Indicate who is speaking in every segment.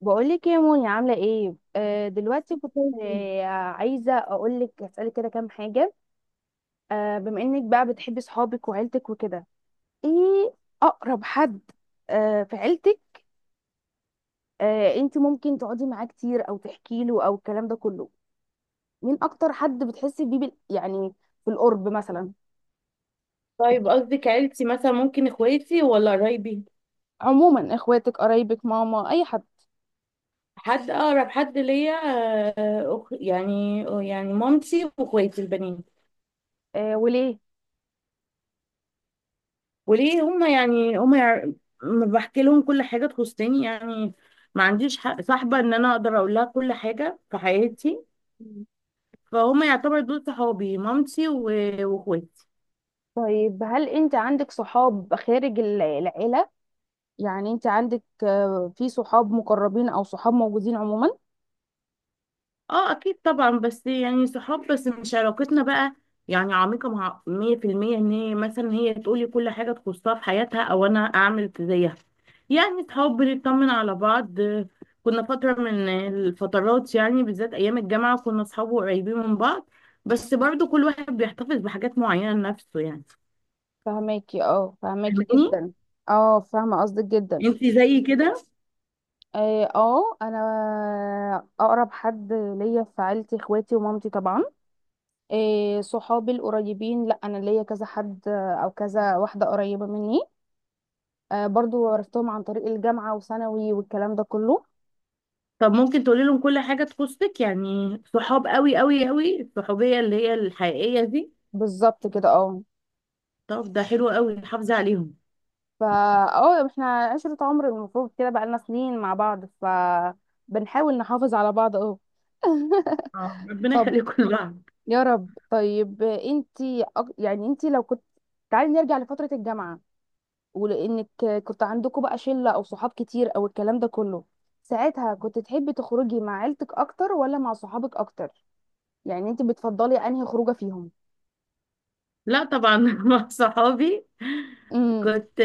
Speaker 1: بقولك يا موني، عاملة ايه؟ دلوقتي كنت
Speaker 2: ممكن.
Speaker 1: عايزة اقولك اسألك كده كام حاجة. بما انك بقى بتحبي صحابك وعيلتك وكده، ايه اقرب حد في عيلتك؟ انت ممكن تقعدي معاه كتير او تحكي له او الكلام ده كله؟ مين اكتر حد بتحسي بيه يعني في القرب مثلا؟
Speaker 2: طيب، قصدك عيلتي مثلا، ممكن اخواتي ولا قرايبي؟
Speaker 1: عموما اخواتك قرايبك ماما اي حد.
Speaker 2: حد اقرب حد ليا؟ آه، أخ- يعني يعني مامتي واخواتي البنين.
Speaker 1: وليه؟
Speaker 2: وليه هما يعني هما يع- م- بحكي لهم كل حاجه تخصني يعني. ما عنديش حق صاحبه ان انا اقدر اقول لها كل حاجه في حياتي.
Speaker 1: مم.
Speaker 2: فهم يعتبر دول صحابي، مامتي واخواتي.
Speaker 1: طيب هل انت عندك صحاب خارج العيلة؟ يعني انت عندك، في صحاب مقربين او صحاب موجودين عموما؟
Speaker 2: اه اكيد طبعا، بس يعني صحاب، بس مش علاقتنا بقى يعني عميقة مع مية في المية ان هي مثلا هي تقولي كل حاجة تخصها في حياتها او انا اعمل زيها. يعني صحاب بنطمن على بعض. كنا فترة من الفترات يعني بالذات ايام الجامعة، كنا صحاب قريبين من بعض، بس برضو كل واحد بيحتفظ بحاجات معينة لنفسه يعني.
Speaker 1: فهماكي
Speaker 2: فاهماني؟
Speaker 1: جدا. اه فاهمه قصدك جدا.
Speaker 2: انتي زي كده؟
Speaker 1: اه، انا اقرب حد ليا في عيلتي اخواتي ومامتي طبعا. صحابي القريبين، لا انا ليا كذا حد، او كذا واحده قريبه مني. برضو عرفتهم عن طريق الجامعه وثانوي والكلام ده كله.
Speaker 2: طب ممكن تقولي لهم كل حاجة تخصك؟ يعني صحاب قوي قوي قوي، الصحوبية اللي هي الحقيقية دي.
Speaker 1: بالظبط كده، اه.
Speaker 2: طب ده حلو قوي، حافظي عليهم.
Speaker 1: فا اه احنا عشرة عمر، المفروض كده بقالنا سنين مع بعض، ف بنحاول نحافظ على بعض اهو.
Speaker 2: اه، ربنا
Speaker 1: طب
Speaker 2: يخليكم لبعض.
Speaker 1: يا رب. طيب انتي، يعني انتي لو كنت، تعالي نرجع لفترة الجامعة، ولانك كنت عندكم بقى شلة او صحاب كتير او الكلام ده كله، ساعتها كنت تحبي تخرجي مع عيلتك اكتر ولا مع صحابك اكتر؟ يعني انتي بتفضلي انهي خروجة فيهم؟
Speaker 2: لا طبعا مع صحابي.
Speaker 1: امم.
Speaker 2: كنت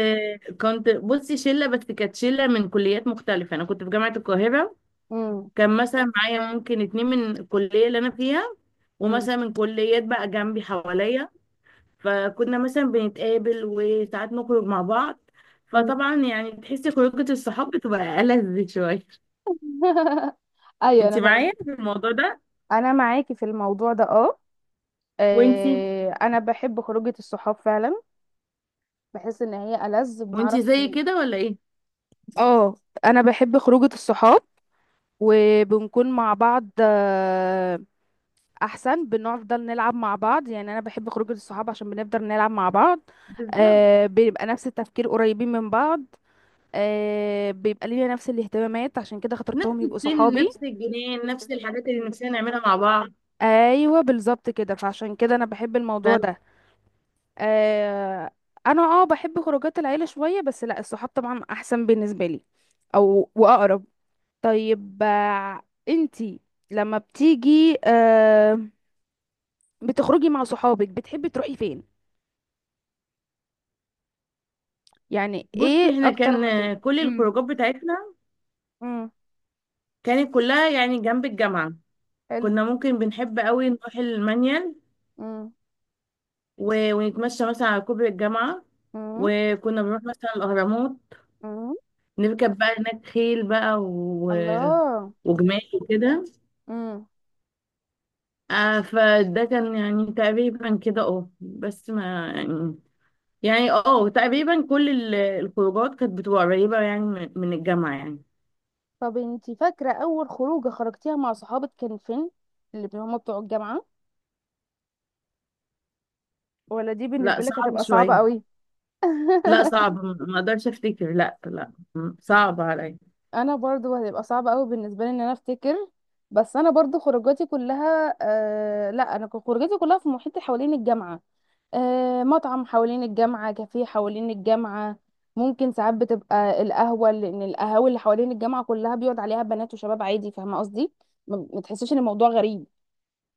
Speaker 2: كنت بصي شله، بس كانت شله من كليات مختلفه. انا كنت في جامعه القاهره.
Speaker 1: امم.
Speaker 2: كان مثلا معايا ممكن اتنين من الكليه اللي انا فيها،
Speaker 1: امم.
Speaker 2: ومثلا من كليات بقى جنبي حواليا. فكنا مثلا بنتقابل وساعات نخرج مع بعض. فطبعا يعني تحسي خروجه الصحاب بتبقى ألذ شويه.
Speaker 1: ايوه
Speaker 2: انت
Speaker 1: انا
Speaker 2: معايا
Speaker 1: فاهمه.
Speaker 2: في الموضوع ده؟
Speaker 1: انا معاكي في الموضوع ده، اه.
Speaker 2: وانتي
Speaker 1: انا بحب خروجة الصحاب فعلا. بحس ان هي ألذ، بنعرف.
Speaker 2: وانتي زي كده ولا ايه؟
Speaker 1: اه انا بحب خروجة الصحاب، وبنكون مع بعض احسن. بنفضل نلعب مع بعض، يعني انا بحب خروجة الصحاب عشان بنفضل نلعب مع بعض.
Speaker 2: بالظبط.
Speaker 1: بيبقى نفس التفكير، قريبين من بعض. بيبقى لينا نفس الاهتمامات، عشان كده خاطرتهم
Speaker 2: نفس
Speaker 1: يبقوا
Speaker 2: السن،
Speaker 1: صحابي.
Speaker 2: نفس الجنان، نفس الحاجات اللي نفسنا نعملها مع بعض.
Speaker 1: ايوه بالظبط كده، فعشان كده انا بحب الموضوع ده. آه انا اه بحب خروجات العيله شويه، بس لا، الصحاب طبعا احسن بالنسبه لي او واقرب. طيب، انتي لما بتيجي بتخرجي مع صحابك بتحبي تروحي فين؟ يعني
Speaker 2: فبص،
Speaker 1: ايه
Speaker 2: هنا
Speaker 1: اكتر مكان؟
Speaker 2: كان كل
Speaker 1: امم.
Speaker 2: الخروجات بتاعتنا
Speaker 1: امم.
Speaker 2: كانت كلها يعني جنب الجامعة.
Speaker 1: حلو.
Speaker 2: كنا ممكن بنحب قوي نروح المانيال،
Speaker 1: امم.
Speaker 2: ونتمشى مثلا على كوبري الجامعة،
Speaker 1: امم.
Speaker 2: وكنا بنروح مثلا الأهرامات،
Speaker 1: امم.
Speaker 2: نركب بقى هناك خيل بقى
Speaker 1: الله.
Speaker 2: وجمال وكده.
Speaker 1: امم.
Speaker 2: فده كان يعني تقريبا كده، بس ما يعني، يعني تقريبا كل الخروجات كانت بتبقى قريبة يعني من الجامعة يعني.
Speaker 1: طب انتي فاكره اول خروجه خرجتيها مع صحابك كان فين؟ اللي هما بتوع الجامعه؟ ولا دي
Speaker 2: لا
Speaker 1: بالنسبه لك
Speaker 2: صعب
Speaker 1: هتبقى صعبه
Speaker 2: شوية.
Speaker 1: قوي؟
Speaker 2: لا صعب، ما اقدرش افتكر. لا لا، صعب عليا.
Speaker 1: انا برضو هتبقى صعبة قوي بالنسبة لي ان انا افتكر. بس انا برضو خروجاتي كلها، لا، انا كان خروجاتي كلها في محيط حوالين الجامعة. آه مطعم حوالين الجامعة، كافيه حوالين الجامعة. ممكن ساعات بتبقى القهوة، لان القهاوي اللي حوالين الجامعة كلها بيقعد عليها بنات وشباب عادي، فاهمة قصدي؟ ما تحسيش ان الموضوع غريب.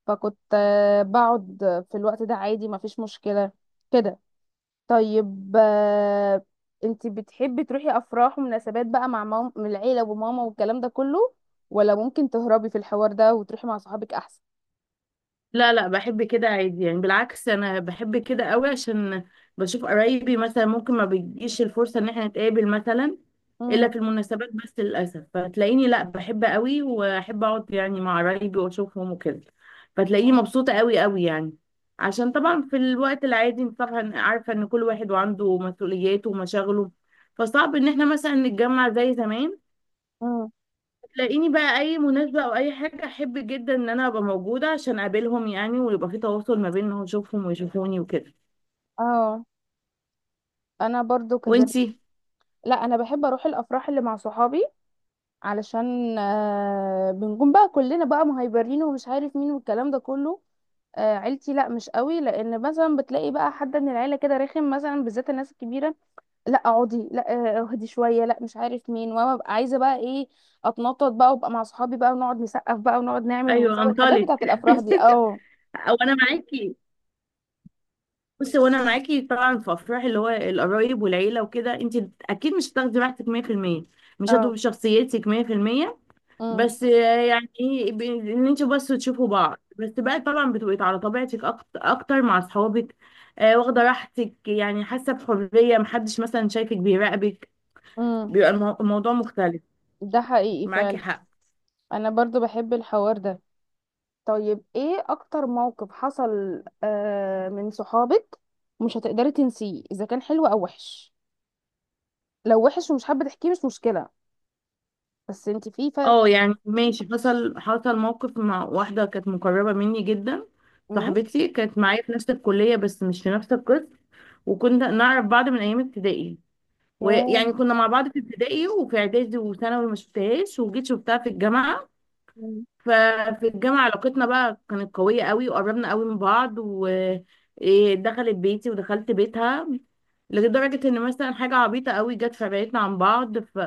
Speaker 1: فكنت بقعد في الوقت ده عادي، ما فيش مشكلة كده. طيب، انت بتحبي تروحي افراح ومناسبات بقى مع مام من العيله وماما والكلام ده كله، ولا ممكن تهربي في الحوار ده وتروحي مع صحابك احسن؟
Speaker 2: لا لا، بحب كده عادي يعني. بالعكس انا بحب كده قوي، عشان بشوف قرايبي مثلا، ممكن ما بتجيش الفرصة ان احنا نتقابل مثلا
Speaker 1: مم.
Speaker 2: الا في المناسبات بس للاسف. فتلاقيني لا، بحب قوي واحب اقعد يعني مع قرايبي واشوفهم وكده. فتلاقيني
Speaker 1: مم.
Speaker 2: مبسوطة قوي قوي يعني. عشان طبعا في الوقت العادي انت طبعا عارفة ان كل واحد وعنده مسؤولياته ومشاغله، فصعب ان احنا مثلا نتجمع زي زمان.
Speaker 1: مم.
Speaker 2: تلاقيني بقى اي مناسبة او اي حاجة، احب جدا ان انا ابقى موجودة عشان اقابلهم يعني، ويبقى في تواصل ما بينهم، اشوفهم ويشوفوني وكده.
Speaker 1: اه انا برضو كذلك.
Speaker 2: وانتي؟
Speaker 1: لا انا بحب اروح الافراح اللي مع صحابي علشان بنكون بقى كلنا بقى مهيبرين ومش عارف مين والكلام ده كله. آه عيلتي لا مش قوي، لان مثلا بتلاقي بقى حد من العيله كده رخم مثلا بالذات الناس الكبيره. لا اقعدي لا، اهدي شويه لا مش عارف مين، وانا ببقى عايزه بقى ايه؟ اتنطط بقى وابقى مع صحابي بقى، ونقعد نسقف بقى ونقعد نعمل
Speaker 2: ايوه
Speaker 1: ونسوي الحاجات
Speaker 2: انطلق
Speaker 1: بتاعت الافراح دي، اه.
Speaker 2: او انا معاكي. بصي، وانا معاكي طبعا. في افراح اللي هو القرايب والعيله وكده، انت اكيد مش هتاخدي راحتك 100%، مش
Speaker 1: اه.
Speaker 2: هتبقي شخصيتك 100%.
Speaker 1: امم.
Speaker 2: بس يعني ايه، ان انتوا بس تشوفوا بعض بس بقى، طبعا بتبقي على طبيعتك اكتر مع اصحابك. آه، واخده راحتك يعني، حاسه بحريه، محدش مثلا شايفك بيراقبك.
Speaker 1: امم.
Speaker 2: بيبقى الموضوع مختلف.
Speaker 1: ده حقيقي
Speaker 2: معاكي
Speaker 1: فعلا.
Speaker 2: حق.
Speaker 1: انا برضو بحب الحوار ده. طيب ايه اكتر موقف حصل من صحابك مش هتقدري تنسيه، اذا كان حلو او وحش؟ لو وحش ومش حابه تحكيه مش مشكله. بس انت في ف.
Speaker 2: اه يعني ماشي. حصل موقف مع واحدة كانت مقربة مني جدا.
Speaker 1: امم.
Speaker 2: صاحبتي كانت معايا في نفس الكلية بس مش في نفس القسم. وكنا نعرف بعض من أيام ابتدائي،
Speaker 1: ياه.
Speaker 2: ويعني كنا مع بعض في ابتدائي وفي إعدادي، وثانوي ما شفتهاش وجيت شفتها في الجامعة.
Speaker 1: مم.
Speaker 2: ففي الجامعة علاقتنا بقى كانت قوية قوي، وقربنا قوي من بعض، ودخلت بيتي ودخلت بيتها. لدرجة ان مثلا حاجة عبيطة قوي جت في بعيدنا عن بعض.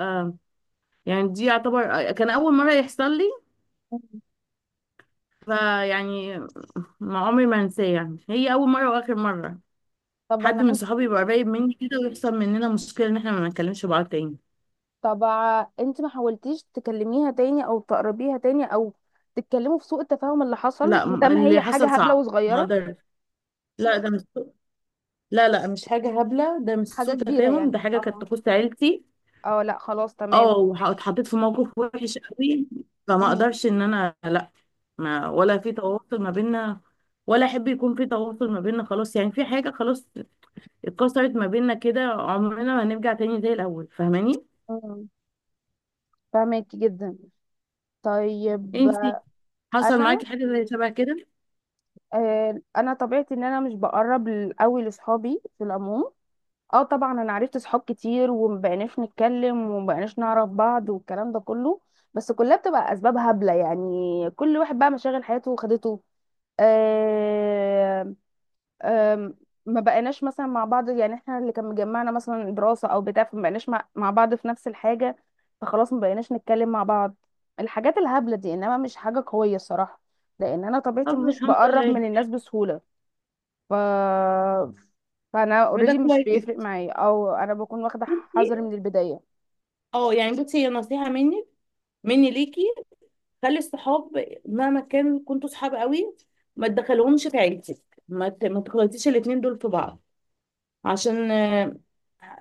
Speaker 2: يعني دي يعتبر، كان أول مرة يحصل لي. فيعني ما عمري ما هنساه يعني. هي أول مرة وآخر مرة
Speaker 1: طب
Speaker 2: حد
Speaker 1: انا
Speaker 2: من
Speaker 1: عندي.
Speaker 2: صحابي يبقى قريب مني كده ويحصل مننا مشكلة إن إحنا ما نتكلمش بعض تاني.
Speaker 1: طب انت ما حاولتيش تكلميها تاني او تقربيها تاني او تتكلموا في سوء التفاهم اللي حصل،
Speaker 2: لا،
Speaker 1: ما دام هي
Speaker 2: اللي حصل
Speaker 1: حاجه هبله
Speaker 2: صعب. ما
Speaker 1: وصغيره؟
Speaker 2: أقدر. لا ده مش لا لا، مش حاجة هبلة، ده مش
Speaker 1: حاجه
Speaker 2: سوء
Speaker 1: كبيره
Speaker 2: تفاهم،
Speaker 1: يعني،
Speaker 2: ده حاجة كانت
Speaker 1: اه.
Speaker 2: تخص عيلتي.
Speaker 1: اه لا خلاص تمام.
Speaker 2: اه
Speaker 1: فاكر.
Speaker 2: اتحطيت في موقف وحش قوي. فما
Speaker 1: امم.
Speaker 2: أقدرش إن أنا لا ما، ولا في تواصل ما بيننا، ولا أحب يكون في تواصل ما بيننا. خلاص يعني، في حاجة خلاص اتكسرت ما بيننا، كده عمرنا ما هنرجع تاني زي الاول. فاهماني؟
Speaker 1: امم. فاهمك جدا. طيب
Speaker 2: انتي حصل
Speaker 1: انا،
Speaker 2: معاكي حاجه زي شبه كده؟
Speaker 1: انا طبيعتي ان انا مش بقرب قوي لاصحابي في العموم. اه طبعا انا عرفت صحاب كتير ومبقناش نتكلم ومبقناش نعرف بعض والكلام ده كله، بس كلها بتبقى اسباب هبله يعني. كل واحد بقى مشاغل حياته وخدته. آم، آم، ما بقيناش مثلا مع بعض، يعني احنا اللي كان مجمعنا مثلا دراسة او بتاع، فما بقيناش مع بعض في نفس الحاجة. فخلاص ما بقيناش نتكلم مع بعض. الحاجات الهبلة دي انما مش حاجة قوية الصراحة، لان انا طبيعتي
Speaker 2: طب
Speaker 1: مش
Speaker 2: الحمد
Speaker 1: بقرب
Speaker 2: لله،
Speaker 1: من الناس بسهولة. ف... فانا
Speaker 2: فده
Speaker 1: اوريدي مش بيفرق
Speaker 2: كويس.
Speaker 1: معايا، او انا بكون واخدة
Speaker 2: بصي،
Speaker 1: حذري من البداية.
Speaker 2: اه يعني، بصي هي نصيحه مني ليكي. خلي الصحاب مهما كان كنتوا صحاب قوي، ما تدخلهمش في عيلتك، ما تخلطيش الاتنين دول في بعض، عشان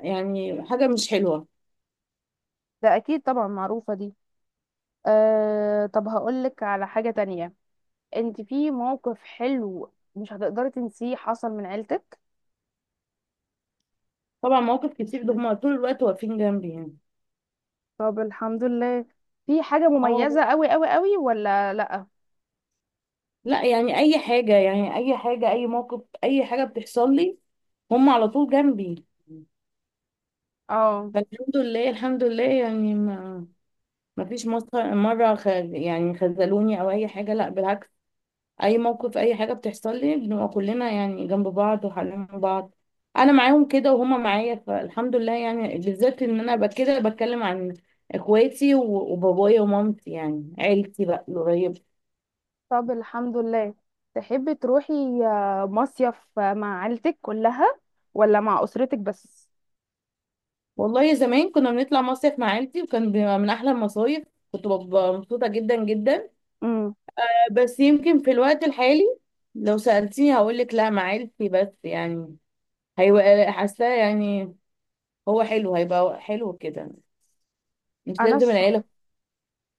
Speaker 2: يعني حاجه مش حلوه.
Speaker 1: ده اكيد طبعا معروفة دي. طب هقولك على حاجة تانية. انت في موقف حلو مش هتقدري تنسيه حصل من عيلتك؟
Speaker 2: طبعا مواقف كتير، ده هما طول الوقت واقفين جنبي يعني.
Speaker 1: طب الحمد لله. في حاجة
Speaker 2: اه
Speaker 1: مميزة قوي قوي قوي ولا لأ؟
Speaker 2: لا، يعني اي حاجة، يعني اي حاجة، اي موقف، اي حاجة بتحصل لي، هم على طول جنبي.
Speaker 1: اه.
Speaker 2: فالحمد لله الحمد لله يعني، ما ما فيش مصر- مرة خ- يعني خذلوني او اي حاجة، لا بالعكس. اي موقف اي حاجة بتحصل لي، بنبقى كلنا يعني جنب بعض وحالين بعض. انا معاهم كده وهم معايا. فالحمد لله يعني، بالذات ان انا بقى كده بتكلم عن اخواتي وبابايا ومامتي، يعني عيلتي بقى القريبة.
Speaker 1: طب الحمد لله. تحبي تروحي مصيف مع عيلتك كلها، ولا مع أسرتك بس؟
Speaker 2: والله زمان كنا بنطلع مصيف مع عيلتي، وكان بيبقى من احلى المصايف. كنت ببقى مبسوطه جدا جدا.
Speaker 1: امم.
Speaker 2: بس يمكن في الوقت الحالي لو سالتيني هقول لك لا، مع عيلتي بس يعني، هيبقى حاساه يعني، هو حلو، هيبقى حلو كده، مش
Speaker 1: انا
Speaker 2: لازم
Speaker 1: ش...
Speaker 2: العيله.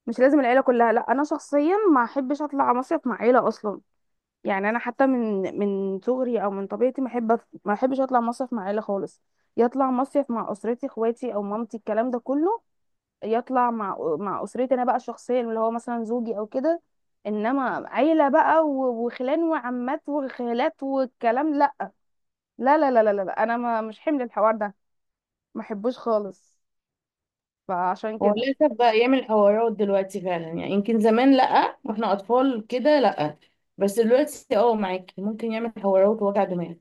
Speaker 1: مش لازم العيلة كلها. لا انا شخصيا ما احبش اطلع مصيف مع عيلة اصلا. يعني انا حتى من صغري او من طبيعتي ما احب ما احبش اطلع مصيف مع عيلة خالص. يطلع مصيف مع اسرتي اخواتي او مامتي الكلام ده كله. يطلع مع اسرتي انا بقى شخصيا اللي هو مثلا زوجي او كده. انما عيله بقى وخلان وعمات وخالات والكلام لا. لا لا لا لا، لا. لا. انا ما مش حمل الحوار ده، ما احبوش خالص. فعشان
Speaker 2: هو
Speaker 1: كده،
Speaker 2: للاسف بقى يعمل حوارات دلوقتي فعلا يعني. يمكن زمان لا، واحنا اطفال كده لا، بس دلوقتي معاكي ممكن يعمل حوارات ووجع دماغ.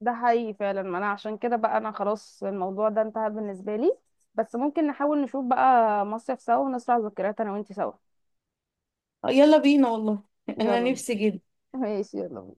Speaker 1: ده حقيقي فعلا. ما انا عشان كده بقى انا خلاص الموضوع ده انتهى بالنسبه لي، بس ممكن نحاول نشوف بقى مصيف سوا ونسرع ذكريات انا وانتي سوا.
Speaker 2: آه، يلا بينا والله. انا
Speaker 1: يلا بينا.
Speaker 2: نفسي جدا.
Speaker 1: ماشي يلا بينا.